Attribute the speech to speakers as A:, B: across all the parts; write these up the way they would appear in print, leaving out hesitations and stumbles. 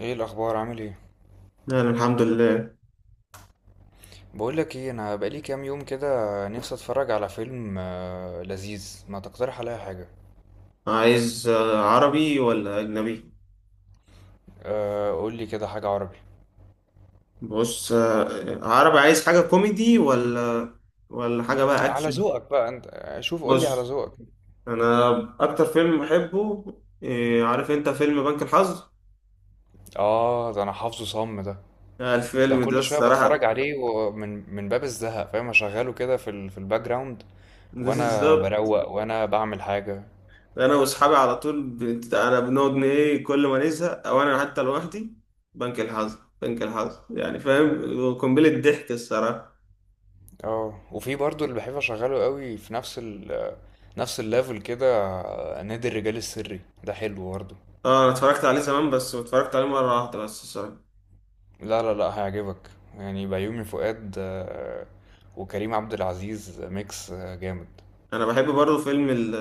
A: ايه الاخبار؟ عامل ايه؟
B: أنا الحمد لله.
A: بقول لك ايه، انا بقالي كام يوم كده نفسي اتفرج على فيلم لذيذ. ما تقترح عليا حاجه؟
B: عايز عربي ولا أجنبي؟
A: قول لي كده حاجه عربي.
B: بص، عربي، عايز حاجة كوميدي ولا حاجة بقى
A: على
B: أكشن؟
A: ذوقك بقى انت، شوف قول لي على
B: بص،
A: ذوقك.
B: أنا أكتر فيلم بحبه، عارف أنت فيلم بنك الحظ؟
A: اه، ده انا حافظه صم ده. ده
B: الفيلم ده
A: كل شويه بتفرج
B: الصراحة
A: عليه، ومن باب الزهق، فاهم؟ اشغله كده في الباك جراوند. وانا
B: بالظبط.
A: بروق وانا بعمل حاجه.
B: أنا وأصحابي على طول أنا بنقعد إيه، كل ما نزهق أو أنا حتى لوحدي، بنك الحظ يعني، فاهم، قنبلة ضحك الصراحة.
A: اه، وفي برضو اللي بحب اشغله قوي في نفس الليفل كده. نادي الرجال السري ده حلو برضه.
B: اه، انا اتفرجت عليه زمان بس اتفرجت عليه مرة واحدة بس الصراحة.
A: لا لا لا، هيعجبك. يعني بيومي فؤاد، وكريم عبد العزيز، ميكس جامد.
B: انا بحب برضه فيلم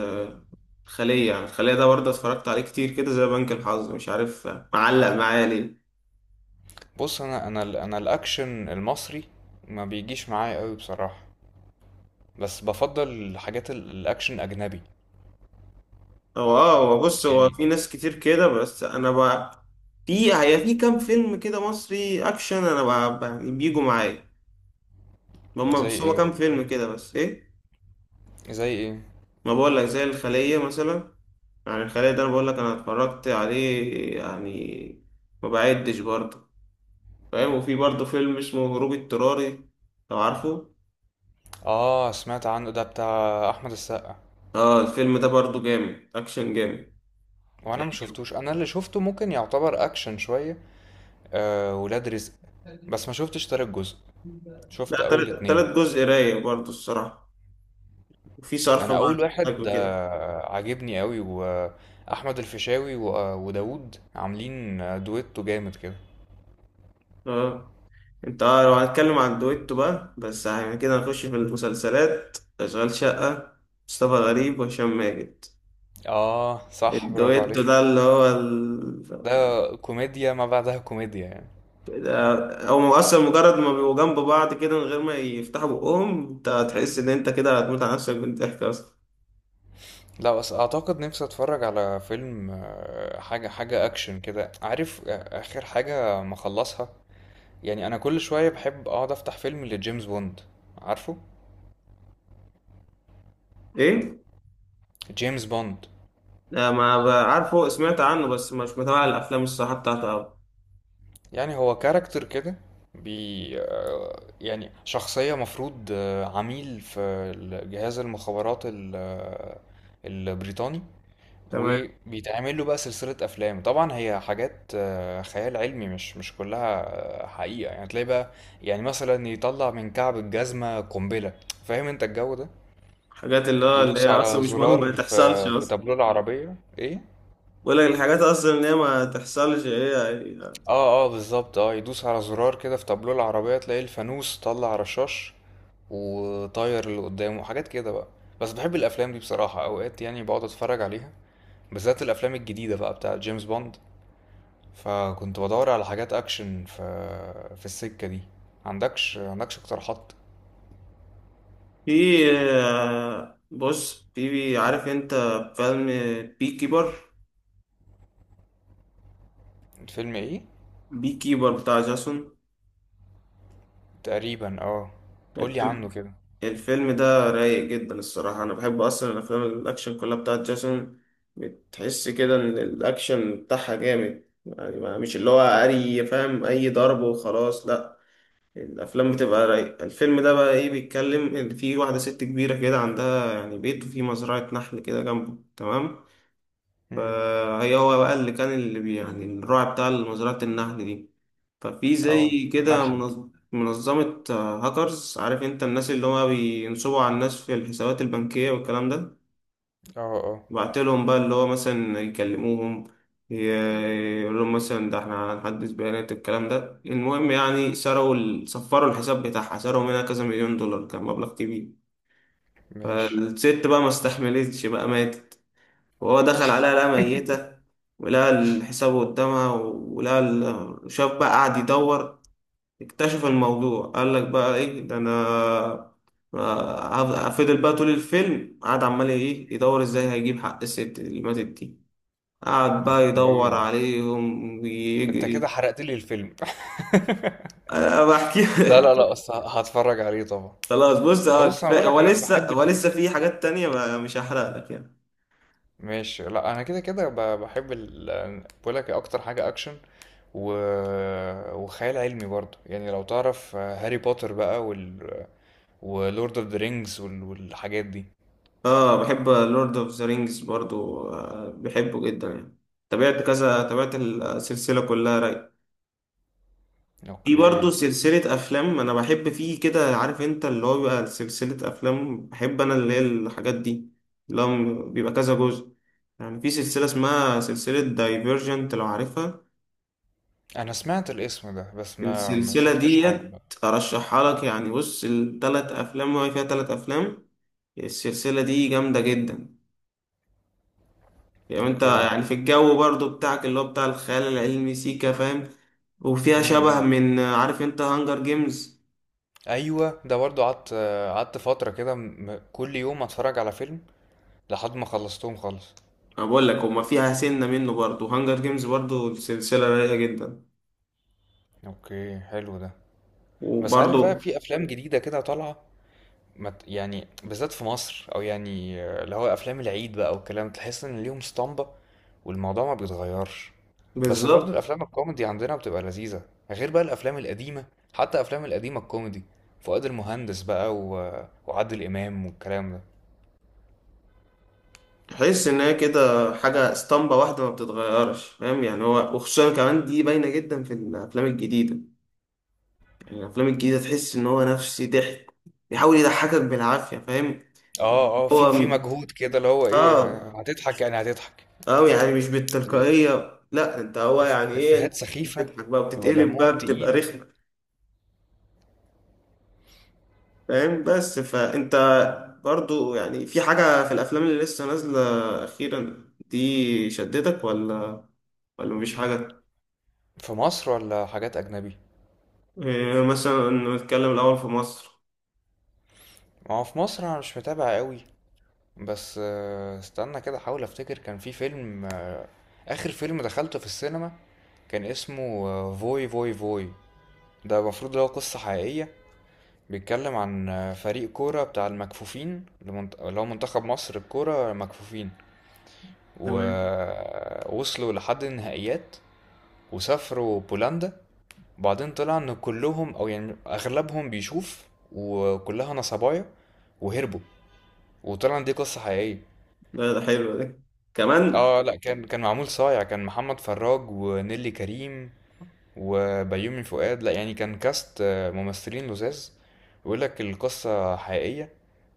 B: الخلية، يعني الخلية ده برضه اتفرجت عليه كتير كده زي بنك الحظ، مش عارف معلق معايا ليه.
A: بص، انا الاكشن المصري ما بيجيش معايا قوي بصراحة، بس بفضل الاكشن اجنبي.
B: هو بص، هو
A: يعني
B: في ناس كتير كده بس انا بقى، في في كام فيلم كده مصري اكشن انا بقى يعني بيجوا معايا. هما
A: زي
B: بس هما
A: ايه؟
B: كام فيلم كده، بس ايه،
A: زي ايه؟
B: ما بقول لك زي الخلية مثلا. يعني الخلية ده انا بقول لك انا اتفرجت عليه، يعني ما بعدش برضه، فاهم. وفي برضه فيلم اسمه هروب اضطراري، لو عارفه.
A: اه سمعت عنه، ده بتاع احمد السقا.
B: اه، الفيلم ده برضو جامد، اكشن جامد،
A: وانا ما
B: هيعجبك.
A: شفتوش. انا اللي شفته ممكن يعتبر اكشن شوية، آه، ولاد رزق. بس ما شفتش تالت جزء،
B: لا،
A: شفت اول
B: تلات
A: اتنين.
B: تلات جزء رايق برضو الصراحة، وفي صرف
A: انا اول
B: بقى
A: واحد
B: حاجة كده.
A: عاجبني قوي، واحمد الفيشاوي وداوود عاملين دويتو جامد كده.
B: اه، انت اه، لو هنتكلم عن دويتو بقى، بس يعني كده هنخش في المسلسلات، اشغال شقة، مصطفى غريب وهشام ماجد،
A: اه صح، برافو
B: الدويتو ده
A: عليك.
B: اللي هو ال...
A: ده كوميديا ما بعدها كوميديا يعني.
B: هو اصلا مجرد ما بيبقوا جنب بعض كده من غير ما يفتحوا بقهم انت هتحس ان انت كده هتموت على نفسك من الضحك اصلا.
A: لا بس اعتقد نفسي اتفرج على فيلم، حاجه اكشن كده، عارف؟ اخر حاجه مخلصها يعني. انا كل شويه بحب اقعد افتح فيلم لجيمس بوند، عارفه؟
B: ايه؟
A: جيمس بوند
B: لا ما ب- عارفه، سمعت عنه بس مش متابع الافلام الصراحه بتاعته أوي.
A: يعني هو كاركتر كده، بي آه، يعني شخصية مفروض عميل في جهاز المخابرات البريطاني.
B: تمام.
A: وبيتعمل له بقى سلسلة أفلام، طبعا هي حاجات خيال علمي، مش كلها حقيقة يعني. تلاقي بقى يعني مثلا يطلع من كعب الجزمة قنبلة، فاهم انت الجو ده؟
B: حاجات اللي هو اللي هي
A: يدوس
B: اصلا
A: على
B: مش مهم ما
A: زرار
B: تحصلش
A: في
B: اصلا.
A: تابلوه العربية، ايه؟
B: بقول لك الحاجات اصلا اللي هي ما تحصلش، هي-
A: اه اه بالظبط، اه يدوس على زرار كده في تابلو العربية، تلاقي الفانوس طلع رشاش وطاير اللي قدامه، وحاجات كده بقى. بس بحب الافلام دي بصراحة، اوقات يعني بقعد اتفرج عليها، بالذات الافلام الجديدة بقى بتاعة جيمس بوند. فكنت بدور على حاجات اكشن في السكة دي. عندكش اقتراحات؟
B: في بص، في، عارف انت، فيلم بي كيبر.
A: فيلم ايه؟
B: بي كيبر بتاع جاسون.
A: تقريبا اه. قولي عنه كده.
B: الفيلم ده رايق جدا الصراحة. أنا بحب أصلا الأفلام الأكشن كلها بتاعت جاسون. بتحس كده إن الأكشن بتاعها جامد يعني مش اللي هو أي، فاهم، أي ضرب وخلاص، لأ، الأفلام بتبقى رايقة. الفيلم ده بقى إيه، بيتكلم إن في واحدة ست كبيرة كده عندها يعني بيت وفي مزرعة نحل كده جنبه، تمام.
A: امم.
B: فهي، هو بقى اللي كان اللي بي- يعني الراعي بتاع مزرعة النحل دي. ففي
A: اه.
B: زي كده
A: منحل.
B: منظمة هاكرز، عارف انت الناس اللي هو بينصبوا على الناس في الحسابات البنكية والكلام ده.
A: اه اه.
B: بعتلهم بقى اللي هو مثلا يكلموهم، ي- يقول لهم مثلا ده احنا هنحدث بيانات الكلام ده، المهم يعني سرقوا صفروا الحساب بتاعها، سرقوا منها كذا مليون دولار، كان مبلغ كبير.
A: ماشي.
B: فالست بقى ما استحملتش بقى، ماتت، وهو دخل عليها لقى ميتة، ولقى الحساب قدامها، ولقى شاف بقى، قعد يدور، اكتشف الموضوع، قال لك بقى ايه ده انا، فضل بقى طول الفيلم قعد عمال ايه يدور ازاي هيجيب حق الست اللي ماتت دي، قعد بقى يدور
A: اوكي.
B: عليهم
A: انت كده
B: ويجري.
A: حرقت لي الفيلم.
B: انا بحكي
A: لا لا لا، أصل هتفرج عليه طبعا.
B: خلاص بص، هو
A: بص انا
B: كفايه،
A: بقول لك
B: هو
A: انا
B: لسه
A: بحب
B: هو
A: ال...
B: لسه في حاجات تانية بقى، مش هحرق لك يعني.
A: ماشي، لا انا كده كده بحب ال... بقول لك، اكتر حاجه اكشن و... وخيال علمي برضه يعني. لو تعرف هاري بوتر بقى وال... ولورد اوف ذا رينجز وال... والحاجات دي.
B: اه، بحب لورد اوف ذا رينجز برضو، آه، بحبه جدا يعني، تابعت كذا، تابعت السلسلة كلها، راي. في
A: اوكي.
B: برضو سلسلة أفلام أنا بحب فيه كده، عارف أنت اللي هو بيبقى سلسلة أفلام بحب أنا اللي هي الحاجات دي، اللي هو بيبقى كذا جزء. يعني في سلسلة اسمها سلسلة دايفيرجنت لو عارفها.
A: انا سمعت الاسم ده بس ما
B: السلسلة
A: شفتش حاجه
B: ديت
A: بقى.
B: أرشحها لك. يعني بص، التلات أفلام، هو فيها تلات أفلام، السلسلة دي جامدة جدا. يعني انت
A: اوكي.
B: يعني في الجو برضو بتاعك اللي هو بتاع الخيال العلمي، سيكا، فاهم. وفيها شبه
A: امم،
B: من، عارف انت، هانجر جيمز.
A: ايوه ده برضه قعدت. قعدت فتره كده، م... كل يوم اتفرج على فيلم لحد ما خلصتهم خالص.
B: انا بقول لك هما فيها سنة منه برضو، هانجر جيمز برضو سلسلة رايقة جدا.
A: اوكي، حلو ده. بس عارف
B: وبرضو،
A: بقى، في افلام جديده كده طالعه، ما ت- يعني بالذات في مصر، او يعني اللي هو افلام العيد بقى والكلام، تحس ان ليهم اسطمبه والموضوع ما بيتغيرش. بس برضو
B: بالظبط،
A: الافلام الكوميدي عندنا بتبقى لذيذه، غير بقى الافلام القديمه، حتى افلام القديمه الكوميدي، فؤاد المهندس بقى و... وعادل امام والكلام ده.
B: تحس ان هي كده حاجة اسطمبة واحدة ما بتتغيرش، فاهم، يعني هو، وخصوصا كمان دي باينة جدا في الافلام الجديدة. يعني الافلام الجديدة تحس ان هو نفسي ضحك، بيحاول يضحكك بالعافية، فاهم.
A: اه اه،
B: هو
A: في مجهود كده اللي هو ايه،
B: اه،
A: هتضحك يعني هتضحك.
B: أوي يعني، مش
A: طب
B: بالتلقائية، لا، أنت هو يعني إيه أنت
A: افيهات سخيفه،
B: بتضحك بقى،
A: بيبقى
B: بتتقلب
A: دمهم
B: بقى، بتبقى
A: تقيل.
B: رخمة، فاهم، بس فأنت برضو يعني في حاجة في الأفلام اللي لسه نازلة أخيرا دي، شدتك ولا مفيش حاجة؟
A: في مصر ولا حاجات اجنبي؟
B: إيه مثلا؟ نتكلم الأول في مصر.
A: ما هو في مصر انا مش متابع قوي، بس استنى كده احاول افتكر. كان في فيلم، اخر فيلم دخلته في السينما، كان اسمه فوي فوي فوي. ده المفروض اللي هو قصة حقيقية، بيتكلم عن فريق كورة بتاع المكفوفين، اللي هو منتخب مصر الكورة مكفوفين،
B: تمام.
A: ووصلوا لحد النهائيات وسافروا بولندا. وبعدين طلع ان كلهم او يعني اغلبهم بيشوف، وكلها نصبايا وهربوا، وطلع ان دي قصة حقيقية.
B: ده حلو ده، كمان.
A: اه لا كان، كان معمول صايع، كان محمد فراج ونيلي كريم وبيومي فؤاد، لا يعني كان كاست ممثلين لذاذ. بيقول لك القصة حقيقية،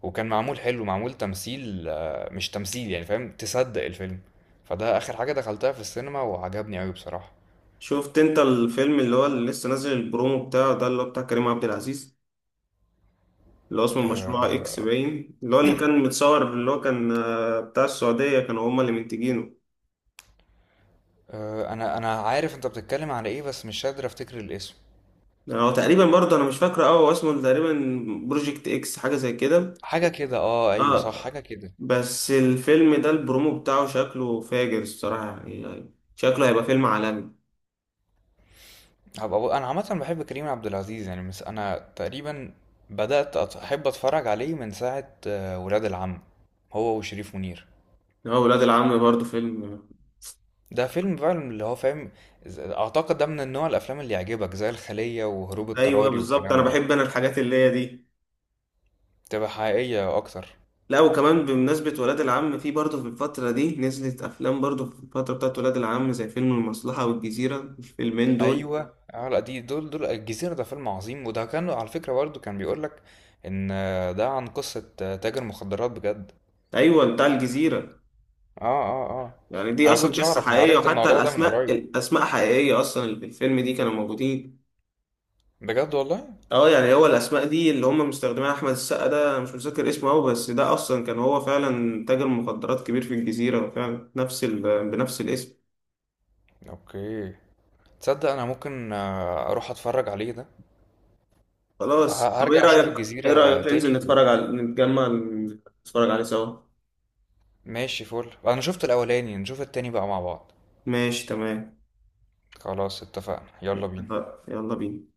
A: وكان معمول حلو، معمول تمثيل مش تمثيل يعني، فاهم؟ تصدق الفيلم. فده آخر حاجة دخلتها في السينما وعجبني أوي بصراحة.
B: شفت أنت الفيلم اللي هو اللي لسه نازل البرومو بتاعه ده اللي هو بتاع كريم عبد العزيز، اللي هو اسمه المشروع
A: آه
B: اكس باين، اللي هو اللي كان متصور، اللي هو كان بتاع السعودية، كانوا هما اللي منتجينه.
A: آه، أنا عارف أنت بتتكلم على إيه، بس مش قادر أفتكر الاسم.
B: يعني هو تقريبا برضه انا مش فاكره قوي، هو اسمه تقريبا بروجكت اكس، حاجة زي كده.
A: حاجة كده، اه أيوه صح،
B: اه،
A: حاجة كده.
B: بس الفيلم ده البرومو بتاعه شكله فاجر الصراحة، يعني شكله هيبقى فيلم عالمي.
A: انا عامه بحب كريم عبد العزيز يعني، مس انا تقريبا احب اتفرج عليه من ساعه ولاد العم، هو وشريف منير.
B: هو ولاد العم برضه فيلم.
A: ده فيلم فعلا اللي هو فاهم، اعتقد ده من النوع الافلام اللي يعجبك زي الخليه وهروب
B: ايوه
A: اضطراري
B: بالظبط، انا
A: والكلام ده،
B: بحب انا الحاجات اللي هي دي.
A: تبقى حقيقيه اكتر.
B: لا وكمان بمناسبة ولاد العم، في برضه في الفترة دي نزلت أفلام برضه في الفترة بتاعت ولاد العم زي فيلم المصلحة والجزيرة، الفيلمين دول.
A: ايوه اه لا، دي دول الجزيره ده فيلم عظيم، وده كان على فكره برضه، كان بيقول لك ان ده عن قصه تاجر مخدرات بجد.
B: ايوه، بتاع الجزيره.
A: اه اه اه.
B: يعني دي
A: انا
B: اصلا
A: كنتش
B: قصه
A: اعرف، انا
B: حقيقيه،
A: عرفت
B: وحتى
A: الموضوع ده من
B: الاسماء،
A: قريب،
B: الاسماء حقيقيه اصلا اللي في الفيلم دي كانوا موجودين.
A: بجد والله.
B: اه، يعني هو الاسماء دي اللي هم مستخدمينها، احمد السقا ده أنا مش متذكر اسمه قوي، بس ده اصلا كان هو فعلا تاجر مخدرات كبير في الجزيره فعلا، نفس ال... بنفس الاسم.
A: اوكي، تصدق انا ممكن اروح اتفرج عليه ده،
B: خلاص طب ايه
A: هرجع اشوف
B: رايك، ايه
A: الجزيرة
B: رايك ننزل
A: تاني و...
B: نتفرج على، نتجمع نتفرج عليه سوا.
A: ماشي، فل، انا شفت الاولاني نشوف التاني بقى مع بعض.
B: ماشي تمام.
A: خلاص اتفقنا، يلا بينا.
B: اتفقنا. يلا بينا.